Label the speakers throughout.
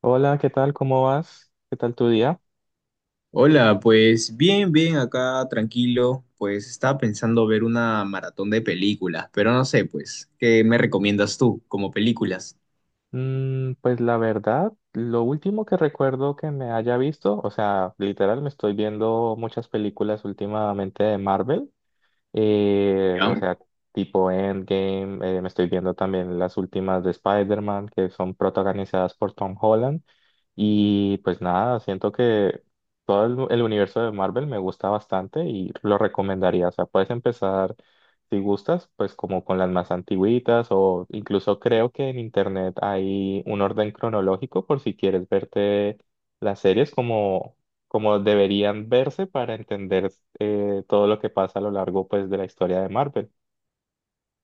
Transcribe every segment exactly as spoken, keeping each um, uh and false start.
Speaker 1: Hola, ¿qué tal? ¿Cómo vas? ¿Qué tal tu día?
Speaker 2: Hola, pues bien, bien, acá tranquilo. Pues estaba pensando ver una maratón de películas, pero no sé, pues, ¿qué me recomiendas tú como películas?
Speaker 1: Mm, pues la verdad, lo último que recuerdo que me haya visto, o sea, literal me estoy viendo muchas películas últimamente de Marvel. Eh, o
Speaker 2: ¿Ya?
Speaker 1: sea, tipo Endgame, eh, me estoy viendo también las últimas de Spider-Man que son protagonizadas por Tom Holland. Y pues nada, siento que todo el, el universo de Marvel me gusta bastante y lo recomendaría. O sea, puedes empezar si gustas, pues como con las más antiguitas, o incluso creo que en internet hay un orden cronológico por si quieres verte las series como como deberían verse para entender eh, todo lo que pasa a lo largo pues de la historia de Marvel.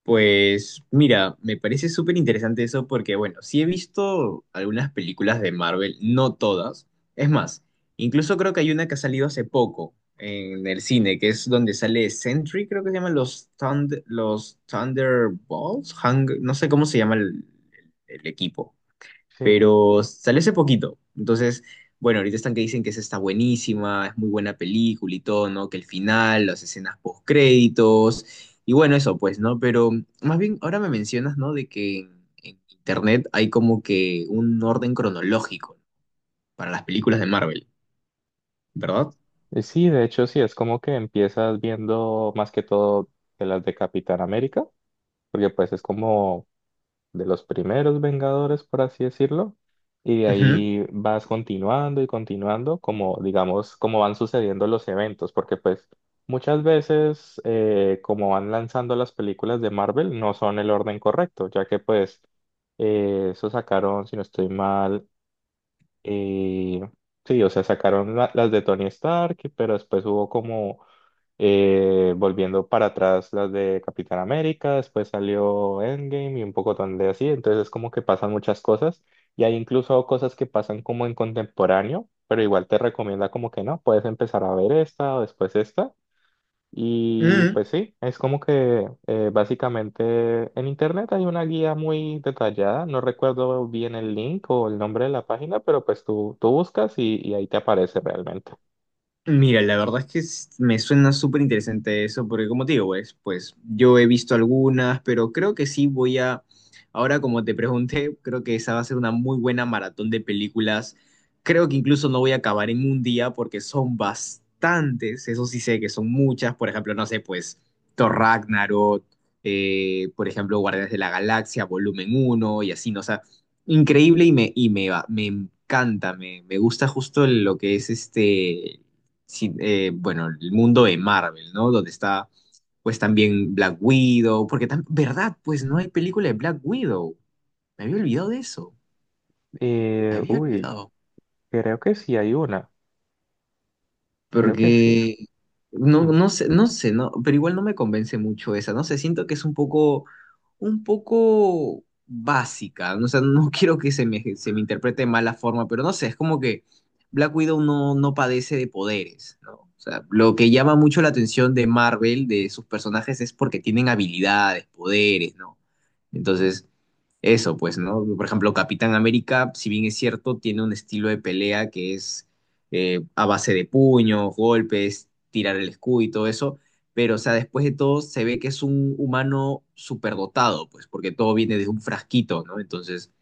Speaker 2: Pues mira, me parece súper interesante eso porque, bueno, sí he visto algunas películas de Marvel, no todas. Es más, incluso creo que hay una que ha salido hace poco en el cine, que es donde sale Sentry, creo que se llaman los, Thund- los Thunderbolts, Hung- no sé cómo se llama el el- el equipo.
Speaker 1: Sí.
Speaker 2: Pero salió hace poquito. Entonces, bueno, ahorita están que dicen que esa está buenísima, es muy buena película y todo, ¿no? Que el final, las escenas post créditos y bueno, eso pues, ¿no? Pero más bien ahora me mencionas, ¿no? De que en, en, internet hay como que un orden cronológico para las películas de Marvel, ¿verdad?
Speaker 1: Eh, Sí, de hecho sí, es como que empiezas viendo más que todo de las de Capitán América, porque pues es como de los primeros Vengadores, por así decirlo, y de
Speaker 2: Ujú.
Speaker 1: ahí vas continuando y continuando, como digamos, como van sucediendo los eventos, porque pues muchas veces eh, como van lanzando las películas de Marvel no son el orden correcto, ya que pues eh, eso sacaron, si no estoy mal, eh, sí, o sea, sacaron la- las de Tony Stark, pero después hubo como eh, volviendo para atrás las de Capitán América, después salió Endgame y un poco de así, entonces es como que pasan muchas cosas y hay incluso cosas que pasan como en contemporáneo, pero igual te recomienda como que no, puedes empezar a ver esta o después esta. Y
Speaker 2: Ujú.
Speaker 1: pues sí, es como que eh, básicamente en internet hay una guía muy detallada, no recuerdo bien el link o el nombre de la página, pero pues tú, tú buscas y, y ahí te aparece realmente.
Speaker 2: Mira, la verdad es que s- me suena súper interesante eso, porque como te digo, pues, pues yo he visto algunas, pero creo que sí voy a, ahora como te pregunté, creo que esa va a ser una muy buena maratón de películas. Creo que incluso no voy a acabar en un día porque son bastantes, eso sí sé que son muchas, por ejemplo, no sé, pues Thor Ragnarok, eh, por ejemplo, Guardianes de la Galaxia, volumen uno y así, ¿no? O sea, increíble y me, y me, va- me encanta, me, me gusta justo lo que es este, sí, eh, bueno, el mundo de Marvel, ¿no? Donde está, pues también Black Widow, porque también, ¿verdad? Pues no hay película de Black Widow. Me había olvidado de eso. Me
Speaker 1: Eh,
Speaker 2: había
Speaker 1: uy,
Speaker 2: olvidado.
Speaker 1: creo que sí hay una, creo que sí.
Speaker 2: Porque no,
Speaker 1: Hmm.
Speaker 2: no sé, no sé, no, pero igual no me convence mucho esa, no sé, siento que es un poco, un poco, básica, ¿no? O sea, no quiero que se me, se me interprete de mala forma, pero no sé, es como que Black Widow no, no padece de poderes, ¿no? O sea, lo que llama mucho la atención de Marvel, de sus personajes, es porque tienen habilidades, poderes, ¿no? Entonces, eso, pues, ¿no? Por ejemplo, Capitán América, si bien es cierto, tiene un estilo de pelea que es eh, a base de puños, golpes, tirar el escudo y todo eso, pero o sea, después de todo se ve que es un humano superdotado, pues, porque todo viene de un frasquito, ¿no? Entonces,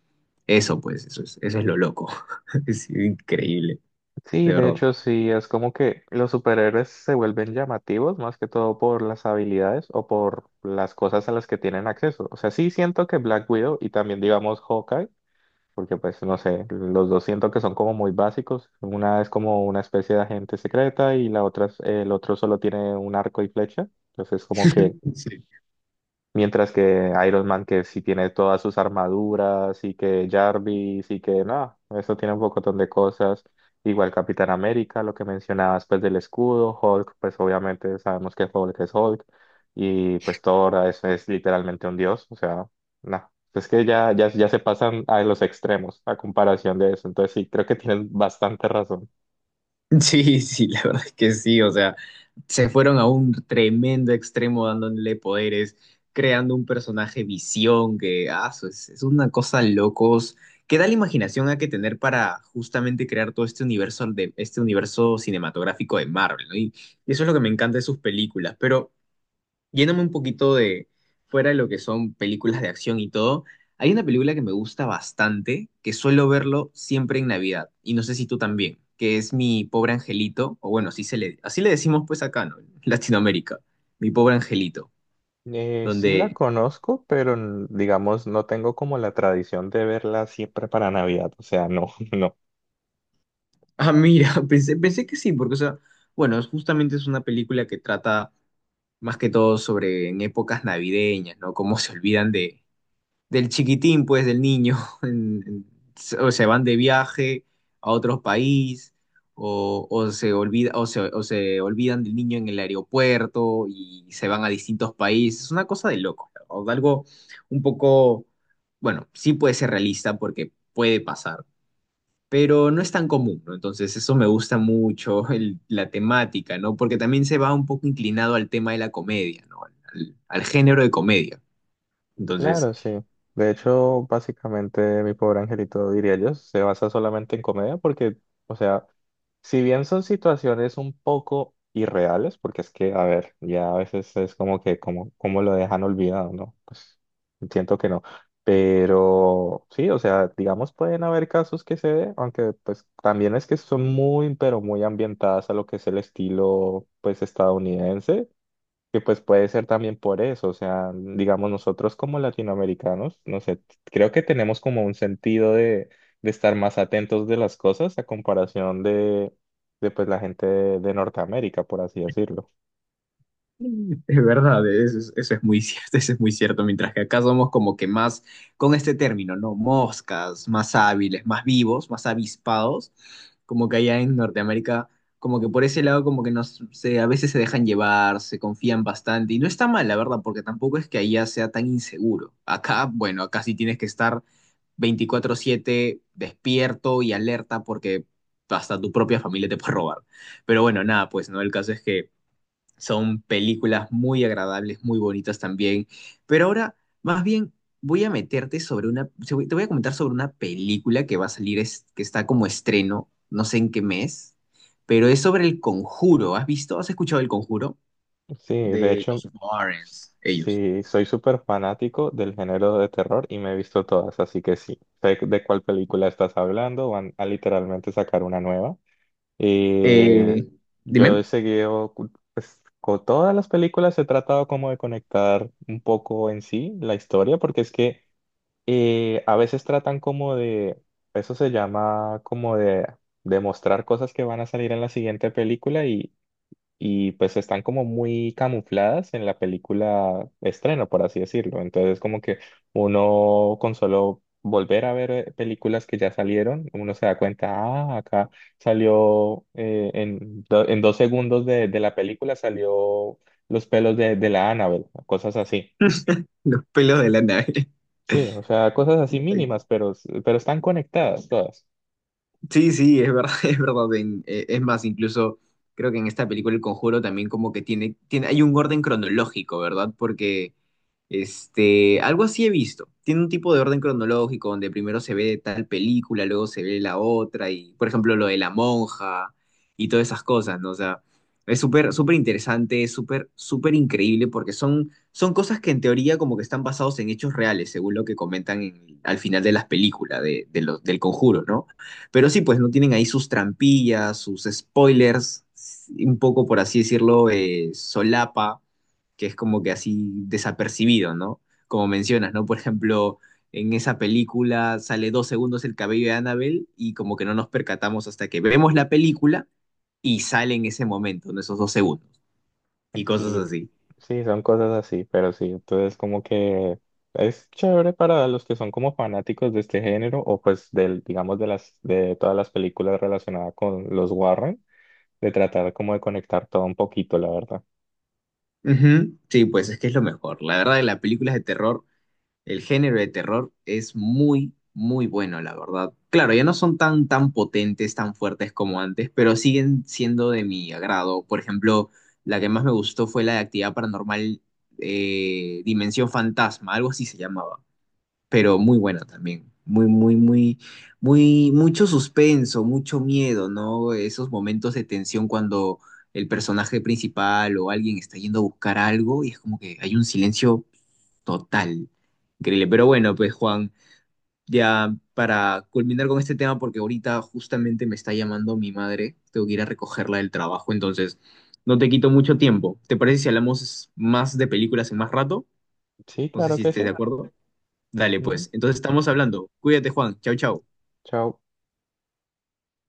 Speaker 2: eso, pues, eso es, eso es lo loco. Es increíble,
Speaker 1: Sí,
Speaker 2: de
Speaker 1: de
Speaker 2: verdad.
Speaker 1: hecho sí, es como que los superhéroes se vuelven llamativos más que todo por las habilidades o por las cosas a las que tienen acceso. O sea, sí siento que Black Widow y también digamos Hawkeye, porque pues no sé, los dos siento que son como muy básicos. Una es como una especie de agente secreta y la otra es- el otro solo tiene un arco y flecha. Entonces como que
Speaker 2: Sí.
Speaker 1: mientras que Iron Man, que sí tiene todas sus armaduras, y que Jarvis, y que no, eso tiene un pocotón de cosas. Igual Capitán América, lo que mencionabas, pues del escudo, Hulk, pues obviamente sabemos que Hulk es Hulk, y pues Thor ah, es, es literalmente un dios, o sea, no, es que ya, ya, ya se pasan a los extremos a comparación de eso, entonces sí, creo que tienes bastante razón.
Speaker 2: Sí, sí, la verdad es que sí, o sea, se fueron a un tremendo extremo dándole poderes, creando un personaje visión que, ah, eso es, es una cosa locos. ¿Qué da la imaginación hay que tener para justamente crear todo este universo de este universo cinematográfico de Marvel? ¿No? Y, y eso es lo que me encanta de sus películas, pero yéndome un poquito de fuera de lo que son películas de acción y todo, hay una película que me gusta bastante, que suelo verlo siempre en Navidad, y no sé si tú también, que es Mi Pobre Angelito, o bueno, así se le, así le decimos pues acá, ¿no? En Latinoamérica, Mi Pobre Angelito,
Speaker 1: Eh, sí la
Speaker 2: donde,
Speaker 1: conozco, pero n- digamos, no tengo como la tradición de verla siempre para Navidad, o sea, no, no.
Speaker 2: ah, mira, pensé, pensé que sí, porque, o sea, bueno, es- justamente es una película que trata más que todo sobre en épocas navideñas, ¿no? Cómo se olvidan de, del chiquitín, pues, del niño. en- en- se- o se van de viaje a otro país, o, o se olvida, o se, o se olvidan del niño en el aeropuerto y se van a distintos países. Es una cosa de loco, o de algo un poco, bueno, sí puede ser realista porque puede pasar. Pero no es tan común, ¿no? Entonces eso me gusta mucho, el- la temática, ¿no? Porque también se va un poco inclinado al tema de la comedia, ¿no? al- al género de comedia. Entonces,
Speaker 1: Claro, sí. De hecho, básicamente Mi Pobre Angelito, diría yo, se basa solamente en comedia porque, o sea, si bien son situaciones un poco irreales, porque es que, a ver, ya a veces es como que, como, como lo dejan olvidado, ¿no? Pues siento que no. Pero sí, o sea, digamos, pueden haber casos que se dé, aunque pues también es que son muy, pero muy ambientadas a lo que es el estilo, pues, estadounidense. Que pues puede ser también por eso, o sea, digamos nosotros como latinoamericanos, no sé, creo que tenemos como un sentido de, de estar más atentos de las cosas a comparación de, de pues la gente de, de Norteamérica, por así decirlo.
Speaker 2: es verdad, eso es, eso es, muy cierto, eso es muy cierto, mientras que acá somos como que más, con este término, ¿no? Moscas, más hábiles, más vivos, más avispados, como que allá en Norteamérica, como que por ese lado como que nos, se, a veces se dejan llevar, se confían bastante, y no está mal, la verdad, porque tampoco es que allá sea tan inseguro. Acá, bueno, acá sí tienes que estar veinticuatro siete despierto y alerta porque hasta tu propia familia te puede robar. Pero bueno, nada, pues, ¿no? El caso es que son películas muy agradables, muy bonitas también. Pero ahora, más bien, voy a meterte sobre una, te voy te voy a comentar sobre una película que va a salir, es- que está como estreno, no sé en qué mes, pero es sobre El Conjuro. ¿Has visto? ¿Has escuchado El Conjuro?
Speaker 1: Sí, de
Speaker 2: De
Speaker 1: hecho,
Speaker 2: los Warrens, ellos.
Speaker 1: sí, soy súper fanático del género de terror y me he visto todas, así que sí, sé de cuál película estás hablando, van a literalmente sacar una nueva. Y
Speaker 2: Eh,
Speaker 1: yo
Speaker 2: Dime,
Speaker 1: he seguido, cu- pues, con todas las películas he tratado como de conectar un poco en sí la historia, porque es que eh, a veces tratan como de, eso se llama como de demostrar cosas que van a salir en la siguiente película, y pues están como muy camufladas en la película estreno, por así decirlo. Entonces como que uno con solo volver a ver eh, películas que ya salieron, uno se da cuenta, ah, acá salió eh, en, do- en dos segundos de, de la película salió los pelos de, de la Annabelle, cosas así.
Speaker 2: los pelos de la nave.
Speaker 1: Sí, o sea, cosas así mínimas, pero, pero están conectadas todas.
Speaker 2: Sí, sí, es verdad, es verdad. En- eh, es más, incluso creo que en esta película El Conjuro también como que tiene, tiene, hay un orden cronológico, ¿verdad? Porque este, algo así he visto. Tiene un tipo de orden cronológico donde primero se ve tal película, luego se ve la otra y, por ejemplo, lo de la monja y todas esas cosas, ¿no? O sea, es súper, súper interesante, es súper, súper increíble porque son, son cosas que en teoría como que están basados en hechos reales, según lo que comentan en- al final de las películas de, de los- del conjuro, ¿no? Pero sí, pues no tienen ahí sus trampillas, sus spoilers, un poco, por así decirlo, eh, solapa, que es como que así desapercibido, ¿no? Como mencionas, ¿no? Por ejemplo, en esa película sale dos segundos el cabello de Annabelle y como que no nos percatamos hasta que vemos la película y sale en ese momento, en esos dos segundos y cosas
Speaker 1: Sí,
Speaker 2: así.
Speaker 1: sí, son cosas así, pero sí, entonces como que es chévere para los que son como fanáticos de este género o pues del, digamos, de las, de todas las películas relacionadas con los Warren, de tratar como de conectar todo un poquito, la verdad.
Speaker 2: Ujú. Sí, pues es que es lo mejor. La verdad, las películas de terror. El género de terror es muy, muy bueno, la verdad. Claro, ya no son tan, tan potentes, tan fuertes como antes, pero siguen siendo de mi agrado. Por ejemplo, la que más me gustó fue la de Actividad Paranormal, eh, Dimensión Fantasma, algo así se llamaba, pero muy buena también. Muy, muy, muy, muy, mucho suspenso, mucho miedo, ¿no? Esos momentos de tensión cuando el personaje principal o alguien está yendo a buscar algo y es como que hay un silencio total. Increíble. Pero bueno, pues Juan, ya para culminar con este tema, porque ahorita justamente me está llamando mi madre, tengo que ir a recogerla del trabajo, entonces no te quito mucho tiempo. ¿Te parece si hablamos más de películas en más rato?
Speaker 1: Sí,
Speaker 2: No sé
Speaker 1: claro
Speaker 2: si
Speaker 1: que
Speaker 2: estés de
Speaker 1: sí.
Speaker 2: acuerdo. Dale,
Speaker 1: Ujú.
Speaker 2: pues. Entonces estamos hablando. Cuídate, Juan. Chau, chau.
Speaker 1: Chao.